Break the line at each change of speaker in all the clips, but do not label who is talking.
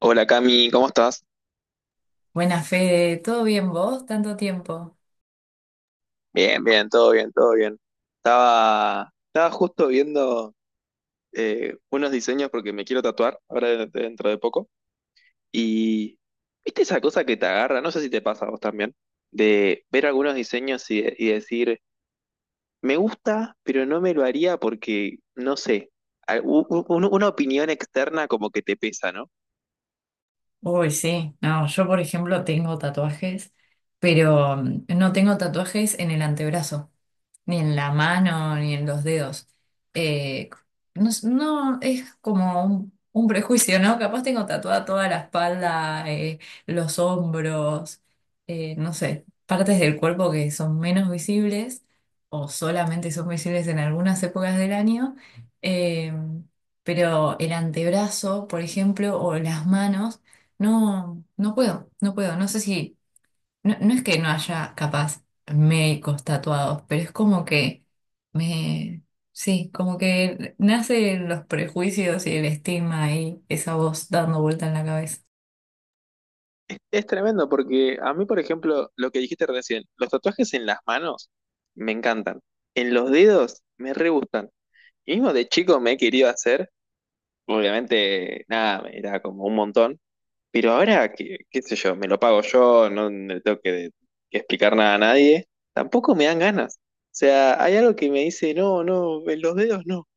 Hola Cami, ¿cómo estás?
Buena Fede, ¿todo bien vos? ¿Tanto tiempo?
Bien, bien, todo bien, todo bien. Estaba justo viendo unos diseños porque me quiero tatuar ahora dentro de poco. Y viste esa cosa que te agarra, no sé si te pasa a vos también, de ver algunos diseños y decir, me gusta, pero no me lo haría porque, no sé, una opinión externa como que te pesa, ¿no?
Uy, sí, no, yo por ejemplo tengo tatuajes, pero no tengo tatuajes en el antebrazo, ni en la mano, ni en los dedos. Eh, no, no, es como un prejuicio, ¿no? Capaz tengo tatuada toda la espalda, los hombros, no sé, partes del cuerpo que son menos visibles o solamente son visibles en algunas épocas del año. Eh, pero el antebrazo, por ejemplo, o las manos, no, no puedo, no puedo. No sé si no, no es que no haya capaz médicos tatuados, pero es como que me, sí, como que nacen los prejuicios y el estigma y esa voz dando vuelta en la cabeza.
Es tremendo porque a mí, por ejemplo, lo que dijiste recién, los tatuajes en las manos me encantan, en los dedos me re gustan. Y mismo de chico me he querido hacer, obviamente, nada, me era como un montón, pero ahora, qué, qué sé yo, me lo pago yo, no le tengo que explicar nada a nadie, tampoco me dan ganas. O sea, hay algo que me dice, no, no, en los dedos no.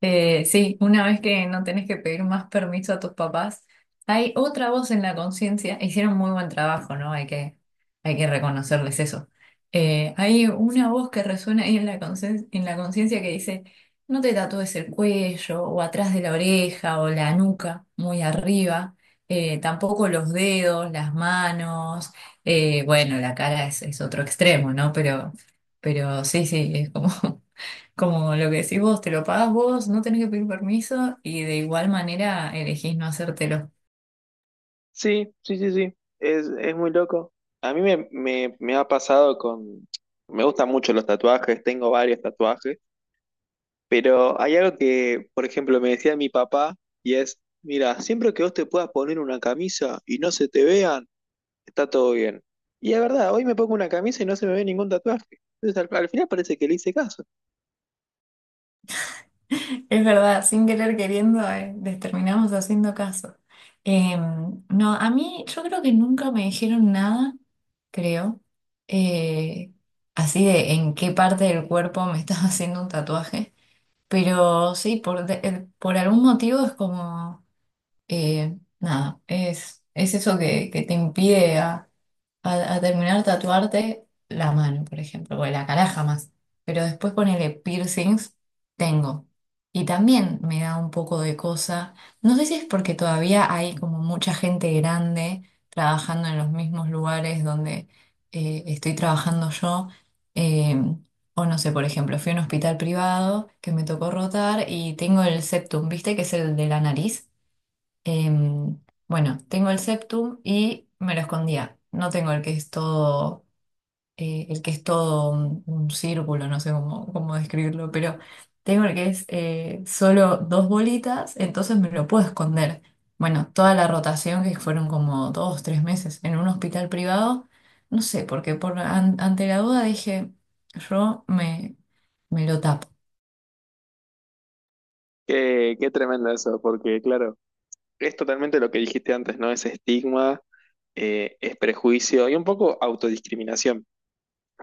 Sí, una vez que no tenés que pedir más permiso a tus papás, hay otra voz en la conciencia. Hicieron muy buen trabajo, ¿no? Hay que reconocerles eso. Hay una voz que resuena ahí en la conciencia que dice, no te tatúes el cuello o atrás de la oreja o la nuca, muy arriba. Tampoco los dedos, las manos. Bueno, la cara es otro extremo, ¿no? Pero sí, sí, es como... Como lo que decís vos, te lo pagás vos, no tenés que pedir permiso y de igual manera elegís no hacértelo.
Sí, sí, sí, sí. Es muy loco. A mí me ha pasado con... Me gustan mucho los tatuajes, tengo varios tatuajes, pero hay algo que, por ejemplo, me decía mi papá y es, mira, siempre que vos te puedas poner una camisa y no se te vean, está todo bien. Y es verdad, hoy me pongo una camisa y no se me ve ningún tatuaje. Entonces al final parece que le hice caso.
Es verdad, sin querer queriendo, les terminamos haciendo caso. No, a mí yo creo que nunca me dijeron nada, creo, eh, así de en qué parte del cuerpo me estás haciendo un tatuaje, pero sí, por algún motivo es como, nada, es eso que te impide a terminar de tatuarte la mano, por ejemplo, o la cara jamás. Pero después ponele piercings, tengo. Y también me da un poco de cosa. No sé si es porque todavía hay como mucha gente grande trabajando en los mismos lugares donde estoy trabajando yo. eh, o no sé, por ejemplo, fui a un hospital privado que me tocó rotar y tengo el septum, ¿viste? Que es el de la nariz. Em, bueno, tengo el septum y me lo escondía. No tengo el que es todo, el que es todo un círculo, no sé cómo, cómo describirlo, pero tengo el que es solo dos bolitas, entonces me lo puedo esconder. Bueno, toda la rotación que fueron como 2, 3 meses en un hospital privado, no sé, porque ante la duda dije, yo me, me lo tapo.
Qué, qué tremendo eso, porque claro, es totalmente lo que dijiste antes, ¿no? Es estigma, es prejuicio y un poco autodiscriminación.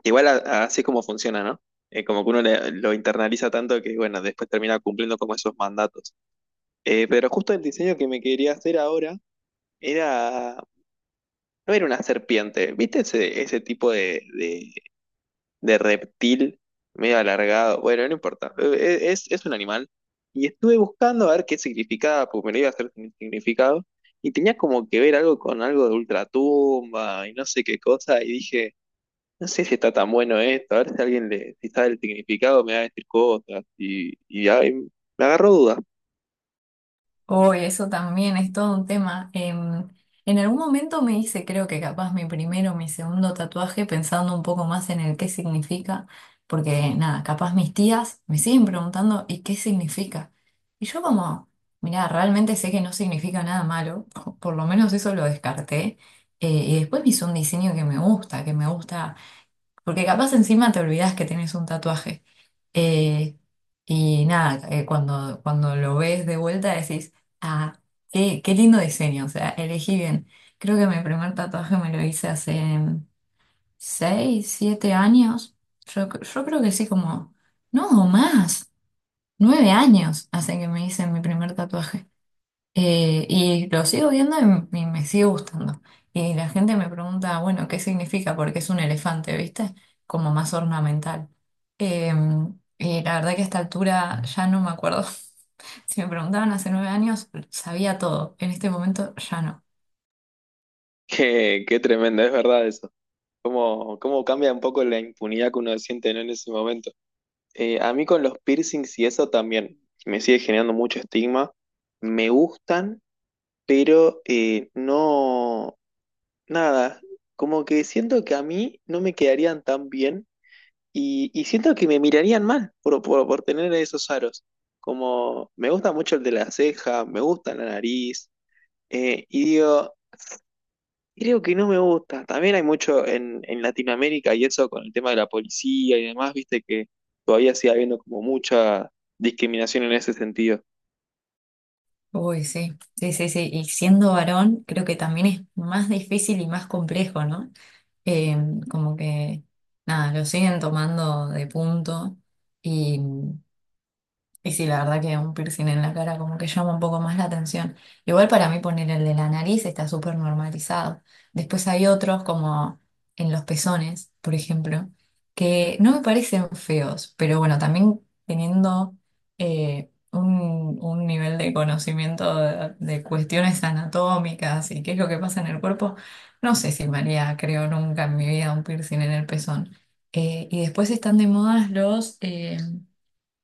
Igual así es como funciona, ¿no? Como que uno lo internaliza tanto que, bueno, después termina cumpliendo como esos mandatos. Pero justo el diseño que me quería hacer ahora era, no era una serpiente, ¿viste ese tipo de reptil medio alargado? Bueno, no importa. Es un animal. Y estuve buscando a ver qué significaba, porque me lo iba a hacer sin significado, y tenía como que ver algo con algo de ultratumba y no sé qué cosa, y dije... No sé si está tan bueno esto, a ver si alguien le, si sabe el significado me va a decir cosas y ahí me agarró duda.
Oh, eso también es todo un tema. En algún momento me hice, creo que capaz mi primero o mi segundo tatuaje, pensando un poco más en el qué significa, porque nada, capaz mis tías me siguen preguntando, ¿y qué significa? Y yo como, mira, realmente sé que no significa nada malo, o por lo menos eso lo descarté. Y después me hice un diseño que me gusta porque capaz encima te olvidas que tienes un tatuaje. Eh, y nada, cuando lo ves de vuelta decís, ah, qué lindo diseño, o sea, elegí bien. Creo que mi primer tatuaje me lo hice hace 6, 7 años. Yo creo que sí, como, no, más, 9 años hace que me hice mi primer tatuaje. Y lo sigo viendo y me sigue gustando. Y la gente me pregunta, bueno, ¿qué significa? Porque es un elefante, ¿viste? Como más ornamental. Eh, y la verdad que a esta altura ya no me acuerdo. Si me preguntaban hace 9 años, sabía todo. En este momento ya no.
Qué, qué tremendo, es verdad eso. Cómo, cómo cambia un poco la impunidad que uno siente, ¿no? En ese momento. A mí con los piercings y eso también me sigue generando mucho estigma. Me gustan, pero no, nada, como que siento que a mí no me quedarían tan bien. Y siento que me mirarían mal por tener esos aros. Como me gusta mucho el de la ceja, me gusta la nariz. Y digo, creo que no me gusta. También hay mucho en Latinoamérica y eso con el tema de la policía y demás, viste que todavía sigue habiendo como mucha discriminación en ese sentido.
Uy, sí, sí, sí, sí. Y siendo varón, creo que también es más difícil y más complejo, ¿no? Eh, como que, nada, lo siguen tomando de punto. Y sí, la verdad que un piercing en la cara como que llama un poco más la atención. Igual para mí poner el de la nariz está súper normalizado. Después hay otros como en los pezones, por ejemplo, que no me parecen feos, pero bueno, también teniendo un nivel de conocimiento de cuestiones anatómicas y qué es lo que pasa en el cuerpo, no sé si me haría, creo, nunca en mi vida un piercing en el pezón. Y después están de moda los...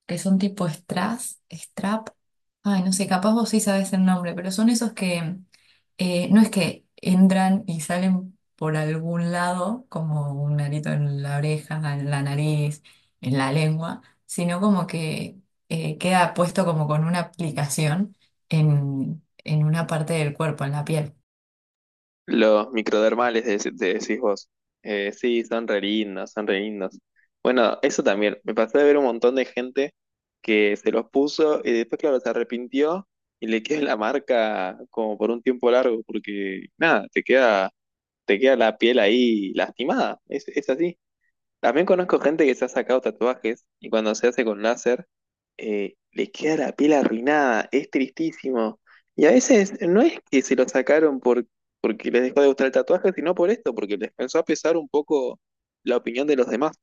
que son tipo strass, strap. Ay, no sé, capaz vos sí sabés el nombre, pero son esos que no es que entran y salen por algún lado, como un arito en la oreja, en la nariz, en la lengua, sino como que queda puesto como con una aplicación en una parte del cuerpo, en la piel.
Los microdermales, decís vos. Sí, son re lindos, son re lindos. Bueno, eso también. Me pasé de ver un montón de gente que se los puso y después, claro, se arrepintió y le queda la marca como por un tiempo largo, porque nada, te queda la piel ahí lastimada. Es así. También conozco gente que se ha sacado tatuajes y cuando se hace con láser, le queda la piel arruinada, es tristísimo. Y a veces no es que se lo sacaron porque les dejó de gustar el tatuaje, sino por esto, porque les pensó a pesar un poco la opinión de los demás.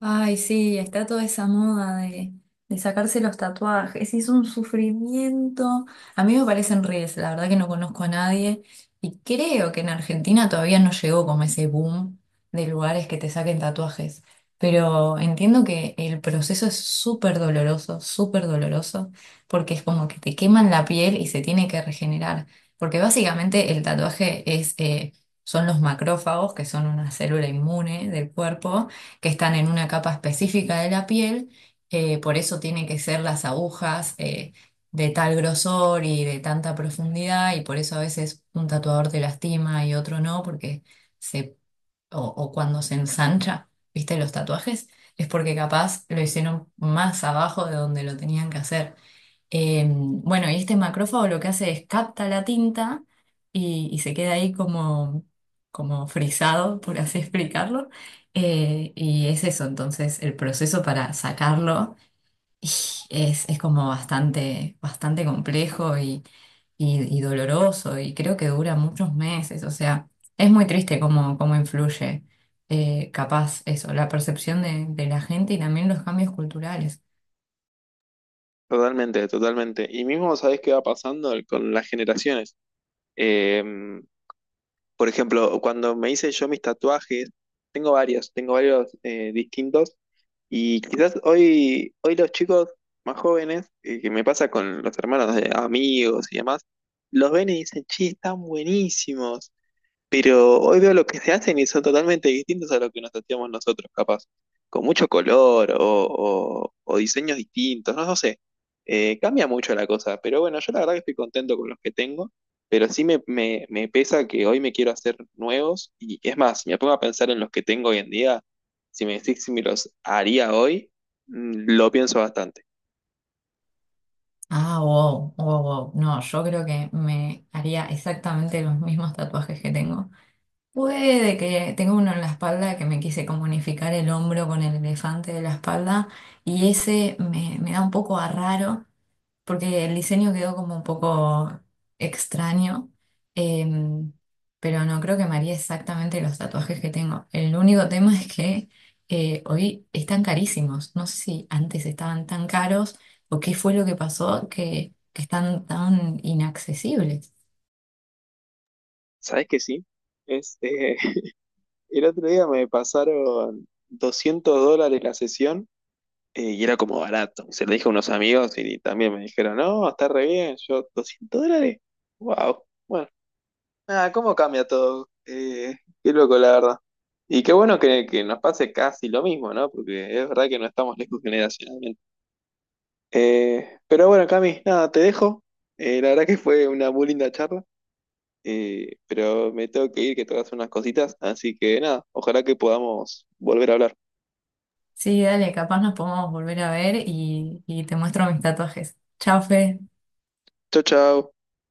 Ay, sí, está toda esa moda de sacarse los tatuajes. Es un sufrimiento. A mí me parecen reels, la verdad que no conozco a nadie. Y creo que en Argentina todavía no llegó como ese boom de lugares que te saquen tatuajes. Pero entiendo que el proceso es súper doloroso, porque es como que te queman la piel y se tiene que regenerar. Porque básicamente el tatuaje es, son los macrófagos, que son una célula inmune del cuerpo que están en una capa específica de la piel, por eso tienen que ser las agujas de tal grosor y de tanta profundidad, y por eso a veces un tatuador te lastima y otro no, porque se, o cuando se ensancha, ¿viste los tatuajes? Es porque capaz lo hicieron más abajo de donde lo tenían que hacer. Bueno, y este macrófago lo que hace es capta la tinta y se queda ahí como, como frisado, por así explicarlo. Y es eso, entonces el proceso para sacarlo y es como bastante, bastante complejo y doloroso y creo que dura muchos meses. O sea, es muy triste cómo, cómo influye, capaz eso, la percepción de la gente y también los cambios culturales.
Totalmente, totalmente. Y mismo sabés qué va pasando con las generaciones. Eh, Por ejemplo, cuando me hice yo mis tatuajes, tengo varios distintos. Y quizás hoy los chicos más jóvenes, que me pasa con los hermanos de amigos y demás, los ven y dicen, che, están buenísimos. Pero hoy veo lo que se hacen y son totalmente distintos a lo que nos hacíamos nosotros, capaz. Con mucho color o diseños distintos, no, no sé. Cambia mucho la cosa, pero bueno, yo la verdad que estoy contento con los que tengo, pero sí me pesa que hoy me quiero hacer nuevos y es más, si me pongo a pensar en los que tengo hoy en día, si me decís si me los haría hoy, mm, lo pienso bastante.
Ah, wow, wow, wow. No, yo creo que me haría exactamente los mismos tatuajes que tengo. Puede que tengo uno en la espalda que me quise como unificar el hombro con el elefante de la espalda y ese me da un poco a raro porque el diseño quedó como un poco extraño, em, pero no creo que me haría exactamente los tatuajes que tengo. El único tema es que hoy están carísimos. No sé si antes estaban tan caros o qué fue lo que pasó que están tan inaccesibles.
¿Sabes que sí? Este, el otro día me pasaron 200 dólares la sesión. Y era como barato. Se lo dije a unos amigos y también me dijeron, no, está re bien, yo 200 dólares. Wow. Bueno, nada, ¿cómo cambia todo? Qué loco, la verdad. Y qué bueno que nos pase casi lo mismo, ¿no? Porque es verdad que no estamos lejos generacionalmente. Pero bueno, Cami, nada, te dejo. La verdad que fue una muy linda charla, pero me tengo que ir, que tengo que hacer unas cositas. Así que nada, ojalá que podamos volver a hablar.
Sí, dale, capaz nos podemos volver a ver y te muestro mis tatuajes. Chao, Fe.
Chau, chau.